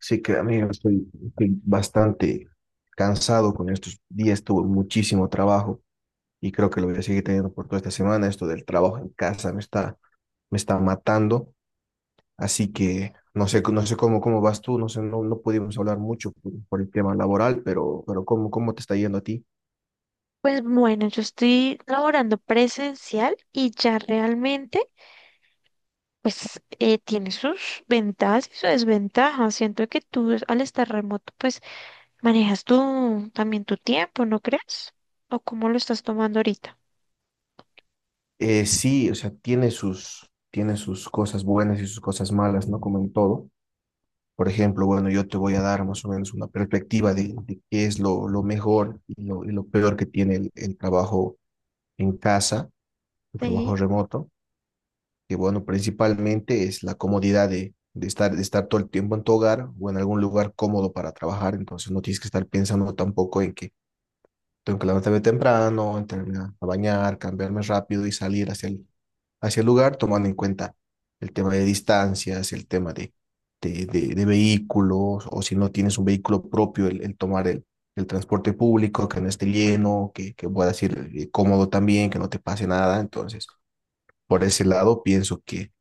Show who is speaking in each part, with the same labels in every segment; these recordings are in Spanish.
Speaker 1: Sí que, amigo, estoy bastante cansado con estos días, tuve muchísimo trabajo y creo que lo voy a seguir teniendo por toda esta semana. Esto del trabajo en casa me está matando, así que no sé cómo, cómo vas tú, no sé, no, no pudimos hablar mucho por el tema laboral, pero ¿cómo, cómo te está yendo a ti?
Speaker 2: Pues bueno, yo estoy laborando presencial y ya realmente, tiene sus ventajas y sus desventajas. Siento que al estar remoto, pues manejas tú también tu tiempo, ¿no crees? ¿O cómo lo estás tomando ahorita?
Speaker 1: Sí, o sea, tiene sus cosas buenas y sus cosas malas, ¿no? Como en todo. Por ejemplo, bueno, yo te voy a dar más o menos una perspectiva de qué es lo mejor y lo peor que tiene el trabajo en casa, el trabajo
Speaker 2: Sí.
Speaker 1: remoto, que bueno, principalmente es la comodidad de estar todo el tiempo en tu hogar o en algún lugar cómodo para trabajar, entonces no tienes que estar pensando tampoco en que tengo que levantarme temprano, entrarme a bañar, cambiarme rápido y salir hacia el lugar, tomando en cuenta el tema de distancias, el tema de vehículos, o si no tienes un vehículo propio, el tomar el transporte público, que no esté lleno, que puedas ir cómodo también, que no te pase nada. Entonces, por ese lado, pienso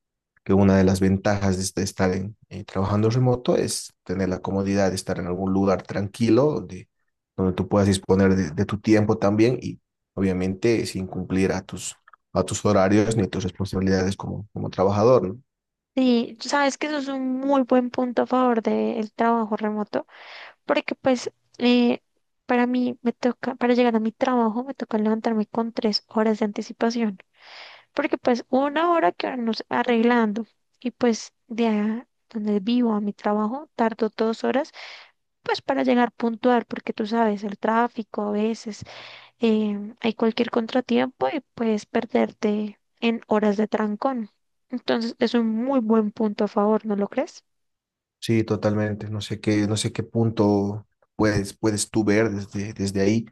Speaker 1: que una de las ventajas de trabajando remoto es tener la comodidad de estar en algún lugar tranquilo, donde, donde tú puedas disponer de tu tiempo también y obviamente sin cumplir a tus horarios ni tus responsabilidades como, como trabajador, ¿no?
Speaker 2: Sí, tú sabes que eso es un muy buen punto a favor del trabajo remoto, porque pues eh, para mí me toca, para llegar a mi trabajo me toca levantarme con 3 horas de anticipación, porque pues una hora que nos arreglando y pues de a donde vivo a mi trabajo tardo 2 horas pues para llegar puntual, porque tú sabes, el tráfico a veces hay cualquier contratiempo y puedes perderte en horas de trancón. Entonces, es un muy buen punto a favor, ¿no lo crees?
Speaker 1: Sí, totalmente. No sé qué punto puedes, puedes tú ver desde, desde ahí,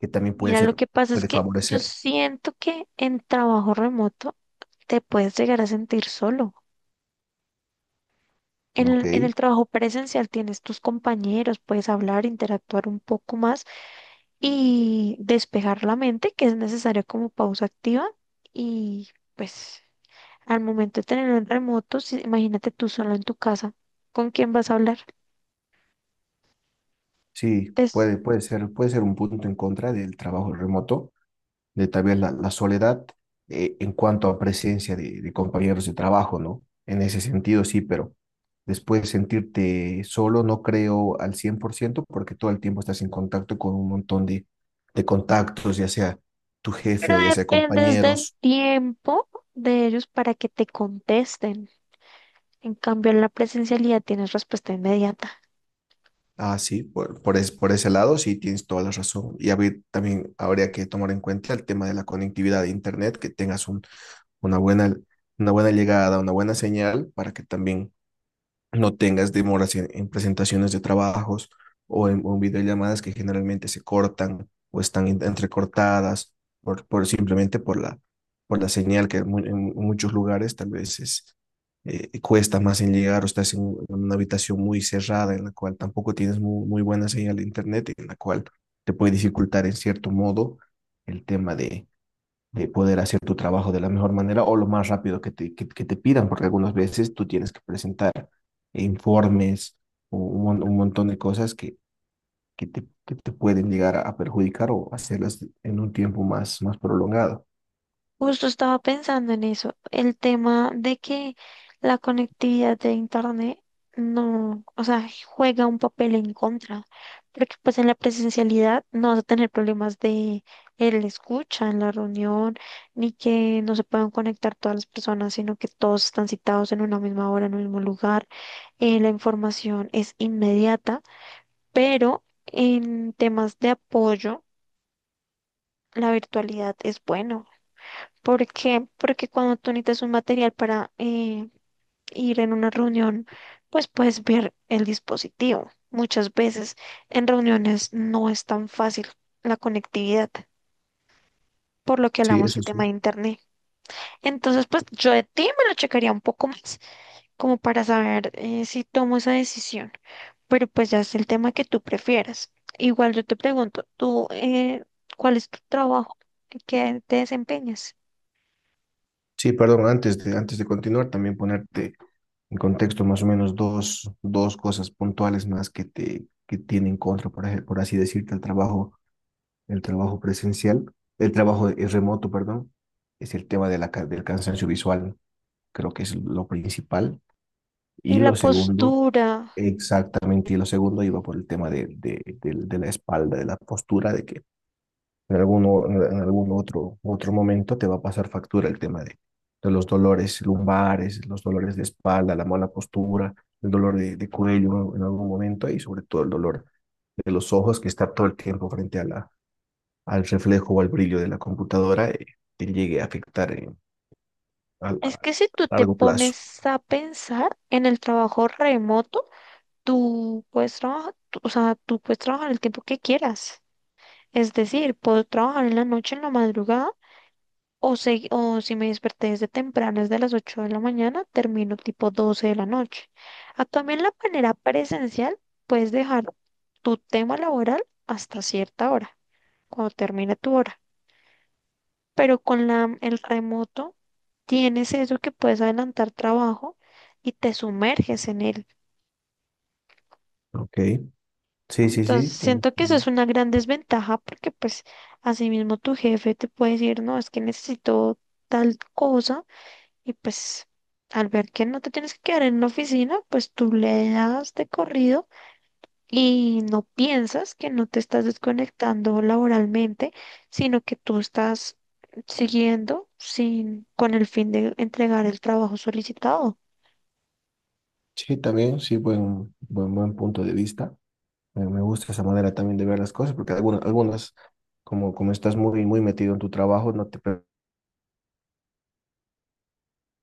Speaker 1: que también puede
Speaker 2: Mira, lo
Speaker 1: ser,
Speaker 2: que pasa es
Speaker 1: puede
Speaker 2: que yo
Speaker 1: favorecer,
Speaker 2: siento que en trabajo remoto te puedes llegar a sentir solo. En
Speaker 1: ¿ok?
Speaker 2: el trabajo presencial tienes tus compañeros, puedes hablar, interactuar un poco más y despejar la mente, que es necesario como pausa activa y pues al momento de tenerlo en remoto, imagínate tú solo en tu casa, ¿con quién vas a hablar?
Speaker 1: Sí,
Speaker 2: Es-
Speaker 1: puede, puede ser un punto en contra del trabajo remoto de tal vez la, la soledad en cuanto a presencia de compañeros de trabajo, ¿no? En ese sentido sí, pero después sentirte solo no creo al 100% porque todo el tiempo estás en contacto con un montón de contactos, ya sea tu
Speaker 2: pero
Speaker 1: jefe o ya sea
Speaker 2: dependes del
Speaker 1: compañeros.
Speaker 2: tiempo de ellos para que te contesten. En cambio, en la presencialidad tienes respuesta inmediata.
Speaker 1: Ah, sí, por ese lado sí tienes toda la razón. Y también habría que tomar en cuenta el tema de la conectividad de internet, que tengas un, una buena, una buena llegada, una buena señal para que también no tengas demoras en presentaciones de trabajos o en videollamadas que generalmente se cortan o entrecortadas por simplemente por la señal que en muchos lugares tal vez es, cuesta más en llegar o estás en una habitación muy cerrada en la cual tampoco tienes muy buena señal de internet, en la cual te puede dificultar en cierto modo el tema de poder hacer tu trabajo de la mejor manera o lo más rápido que te pidan, porque algunas veces tú tienes que presentar informes o un montón de cosas que te pueden llegar a perjudicar o hacerlas en un tiempo más, más prolongado.
Speaker 2: Justo estaba pensando en eso, el tema de que la conectividad de Internet no, o sea, juega un papel en contra, porque pues en la presencialidad no vas a tener problemas de el escucha en la reunión, ni que no se puedan conectar todas las personas, sino que todos están citados en una misma hora, en un mismo lugar, la información es inmediata, pero en temas de apoyo, la virtualidad es bueno. ¿Por qué? Porque cuando tú necesitas un material para ir en una reunión, pues puedes ver el dispositivo. Muchas veces en reuniones no es tan fácil la conectividad, por lo que
Speaker 1: Sí,
Speaker 2: hablamos
Speaker 1: eso
Speaker 2: el tema de
Speaker 1: sí.
Speaker 2: internet. Entonces, pues yo de ti me lo checaría un poco más, como para saber si tomo esa decisión. Pero pues ya es el tema que tú prefieras. Igual yo te pregunto, ¿tú cuál es tu trabajo? ¿En ¿Qué te desempeñas?
Speaker 1: Sí, perdón, antes de continuar, también ponerte en contexto más o menos dos, dos cosas puntuales más que te que tienen contra, por así decirte, el trabajo. El trabajo presencial, el trabajo remoto, perdón, es el tema de del cansancio visual, creo que es lo principal.
Speaker 2: Y
Speaker 1: Y
Speaker 2: la
Speaker 1: lo segundo,
Speaker 2: postura.
Speaker 1: exactamente, y lo segundo iba por el tema de la espalda, de la postura, de que en algún otro, otro momento te va a pasar factura el tema de los dolores lumbares, los dolores de espalda, la mala postura, el dolor de cuello en algún momento y sobre todo el dolor de los ojos que está todo el tiempo frente a la, al reflejo o al brillo de la computadora te llegue a afectar en- a,
Speaker 2: Es
Speaker 1: la-
Speaker 2: que si tú
Speaker 1: a
Speaker 2: te
Speaker 1: largo plazo.
Speaker 2: pones a pensar en el trabajo remoto, tú puedes trabajar, o sea, tú puedes trabajar el tiempo que quieras. Es decir, puedo trabajar en la noche, en la madrugada, o si me desperté desde temprano, desde las 8 de la mañana, termino tipo 12 de la noche. A también la manera presencial, puedes dejar tu tema laboral hasta cierta hora, cuando termine tu hora, pero con el remoto tienes eso que puedes adelantar trabajo y te sumerges en él.
Speaker 1: Ok, sí, sí, sí,
Speaker 2: Entonces,
Speaker 1: tiene.
Speaker 2: siento que eso es una gran desventaja, porque pues asimismo tu jefe te puede decir, no, es que necesito tal cosa y pues al ver que no te tienes que quedar en la oficina, pues tú le das de corrido y no piensas que no te estás desconectando laboralmente, sino que tú estás siguiendo sin, con el fin de entregar el trabajo solicitado.
Speaker 1: Sí, también, sí, buen punto de vista. Me gusta esa manera también de ver las cosas, porque algunas, algunas como, como estás muy metido en tu trabajo, no te permites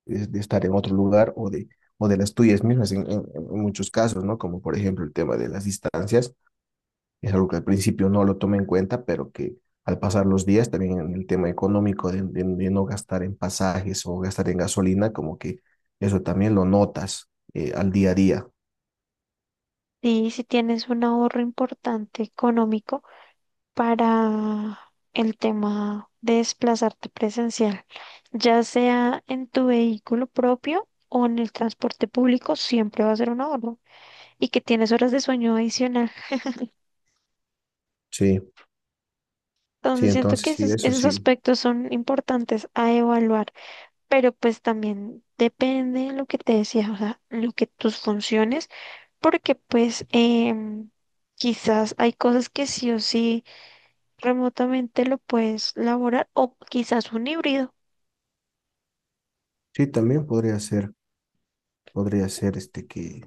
Speaker 1: de estar en otro lugar o de las tuyas mismas en muchos casos, ¿no? Como por ejemplo el tema de las distancias. Es algo que al principio no lo tomé en cuenta, pero que al pasar los días, también en el tema económico de no gastar en pasajes o gastar en gasolina, como que eso también lo notas al día a día.
Speaker 2: Y si tienes un ahorro importante económico para el tema de desplazarte presencial, ya sea en tu vehículo propio o en el transporte público, siempre va a ser un ahorro. Y que tienes horas de sueño adicional.
Speaker 1: Sí, sí,
Speaker 2: Entonces siento que
Speaker 1: entonces sí,
Speaker 2: esos,
Speaker 1: eso
Speaker 2: esos
Speaker 1: sí.
Speaker 2: aspectos son importantes a evaluar, pero pues también depende de lo que te decía, o sea, lo que tus funciones, porque em, quizás hay cosas que sí o sí remotamente lo puedes laborar o quizás un híbrido.
Speaker 1: Sí, también podría ser este que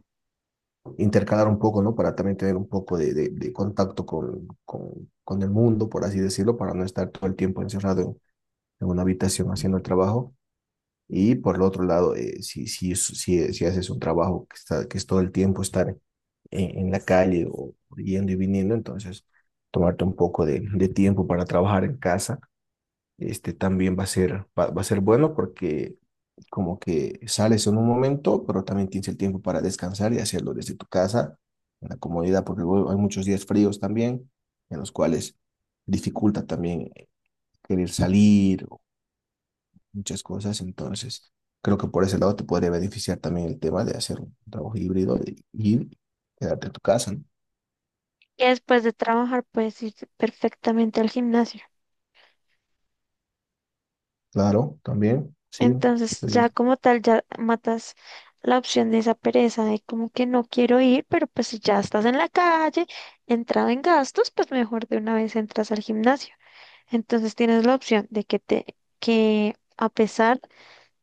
Speaker 1: intercalar un poco, ¿no? Para también tener un poco de contacto con el mundo, por así decirlo, para no estar todo el tiempo encerrado en una habitación haciendo el trabajo. Y por el otro lado, si haces un trabajo que, está, que es todo el tiempo estar en la calle o yendo y viniendo, entonces tomarte un poco de tiempo para trabajar en casa, este también va a ser bueno porque como que sales en un momento, pero también tienes el tiempo para descansar y hacerlo desde tu casa, en la comodidad, porque luego hay muchos días fríos también, en los cuales dificulta también querer salir muchas cosas, entonces creo que por ese lado te podría beneficiar también el tema de hacer un trabajo híbrido y quedarte en tu casa, ¿no?
Speaker 2: Que después de trabajar puedes ir perfectamente al gimnasio.
Speaker 1: Claro, también, sí,
Speaker 2: Entonces
Speaker 1: sí,
Speaker 2: ya como tal ya matas la opción de esa pereza de como que no quiero ir, pero pues si ya estás en la calle, entrado en gastos, pues mejor de una vez entras al gimnasio. Entonces tienes la opción de que te, que a pesar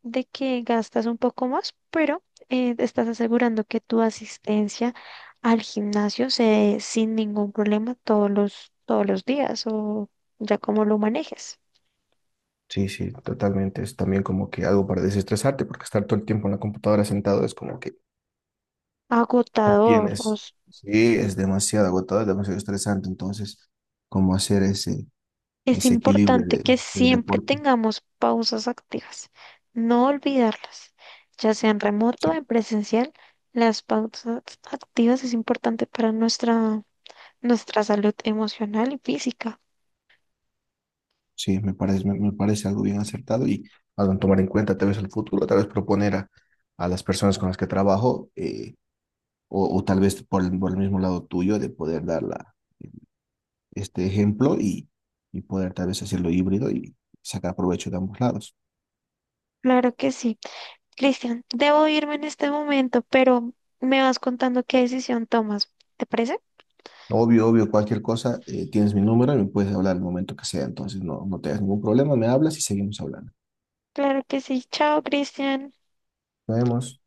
Speaker 2: de que gastas un poco más, pero te estás asegurando que tu asistencia al gimnasio se dé sin ningún problema todos los días o ya como lo manejes.
Speaker 1: sí, sí, totalmente, es también como que algo para desestresarte, porque estar todo el tiempo en la computadora sentado es como que no
Speaker 2: Agotador, o
Speaker 1: tienes, sí, es demasiado agotador, es demasiado estresante, entonces, como hacer ese,
Speaker 2: es
Speaker 1: ese equilibrio
Speaker 2: importante
Speaker 1: de,
Speaker 2: que
Speaker 1: del
Speaker 2: siempre
Speaker 1: deporte,
Speaker 2: tengamos pausas activas, no olvidarlas, ya sea en remoto
Speaker 1: sí.
Speaker 2: o en presencial. Las pausas activas es importante para nuestra, nuestra salud emocional y física.
Speaker 1: Sí, me parece, me parece algo bien acertado y algo en tomar en cuenta, tal vez el futuro, tal vez proponer a las personas con las que trabajo, o tal vez por el mismo lado tuyo, de poder este ejemplo y poder tal vez hacerlo híbrido y sacar provecho de ambos lados.
Speaker 2: Claro que sí. Cristian, debo irme en este momento, pero me vas contando qué decisión tomas. ¿Te parece?
Speaker 1: Obvio, obvio, cualquier cosa, tienes mi número y me puedes hablar el momento que sea, entonces no, no tengas ningún problema, me hablas y seguimos hablando.
Speaker 2: Claro que sí. Chao, Cristian.
Speaker 1: Nos vemos.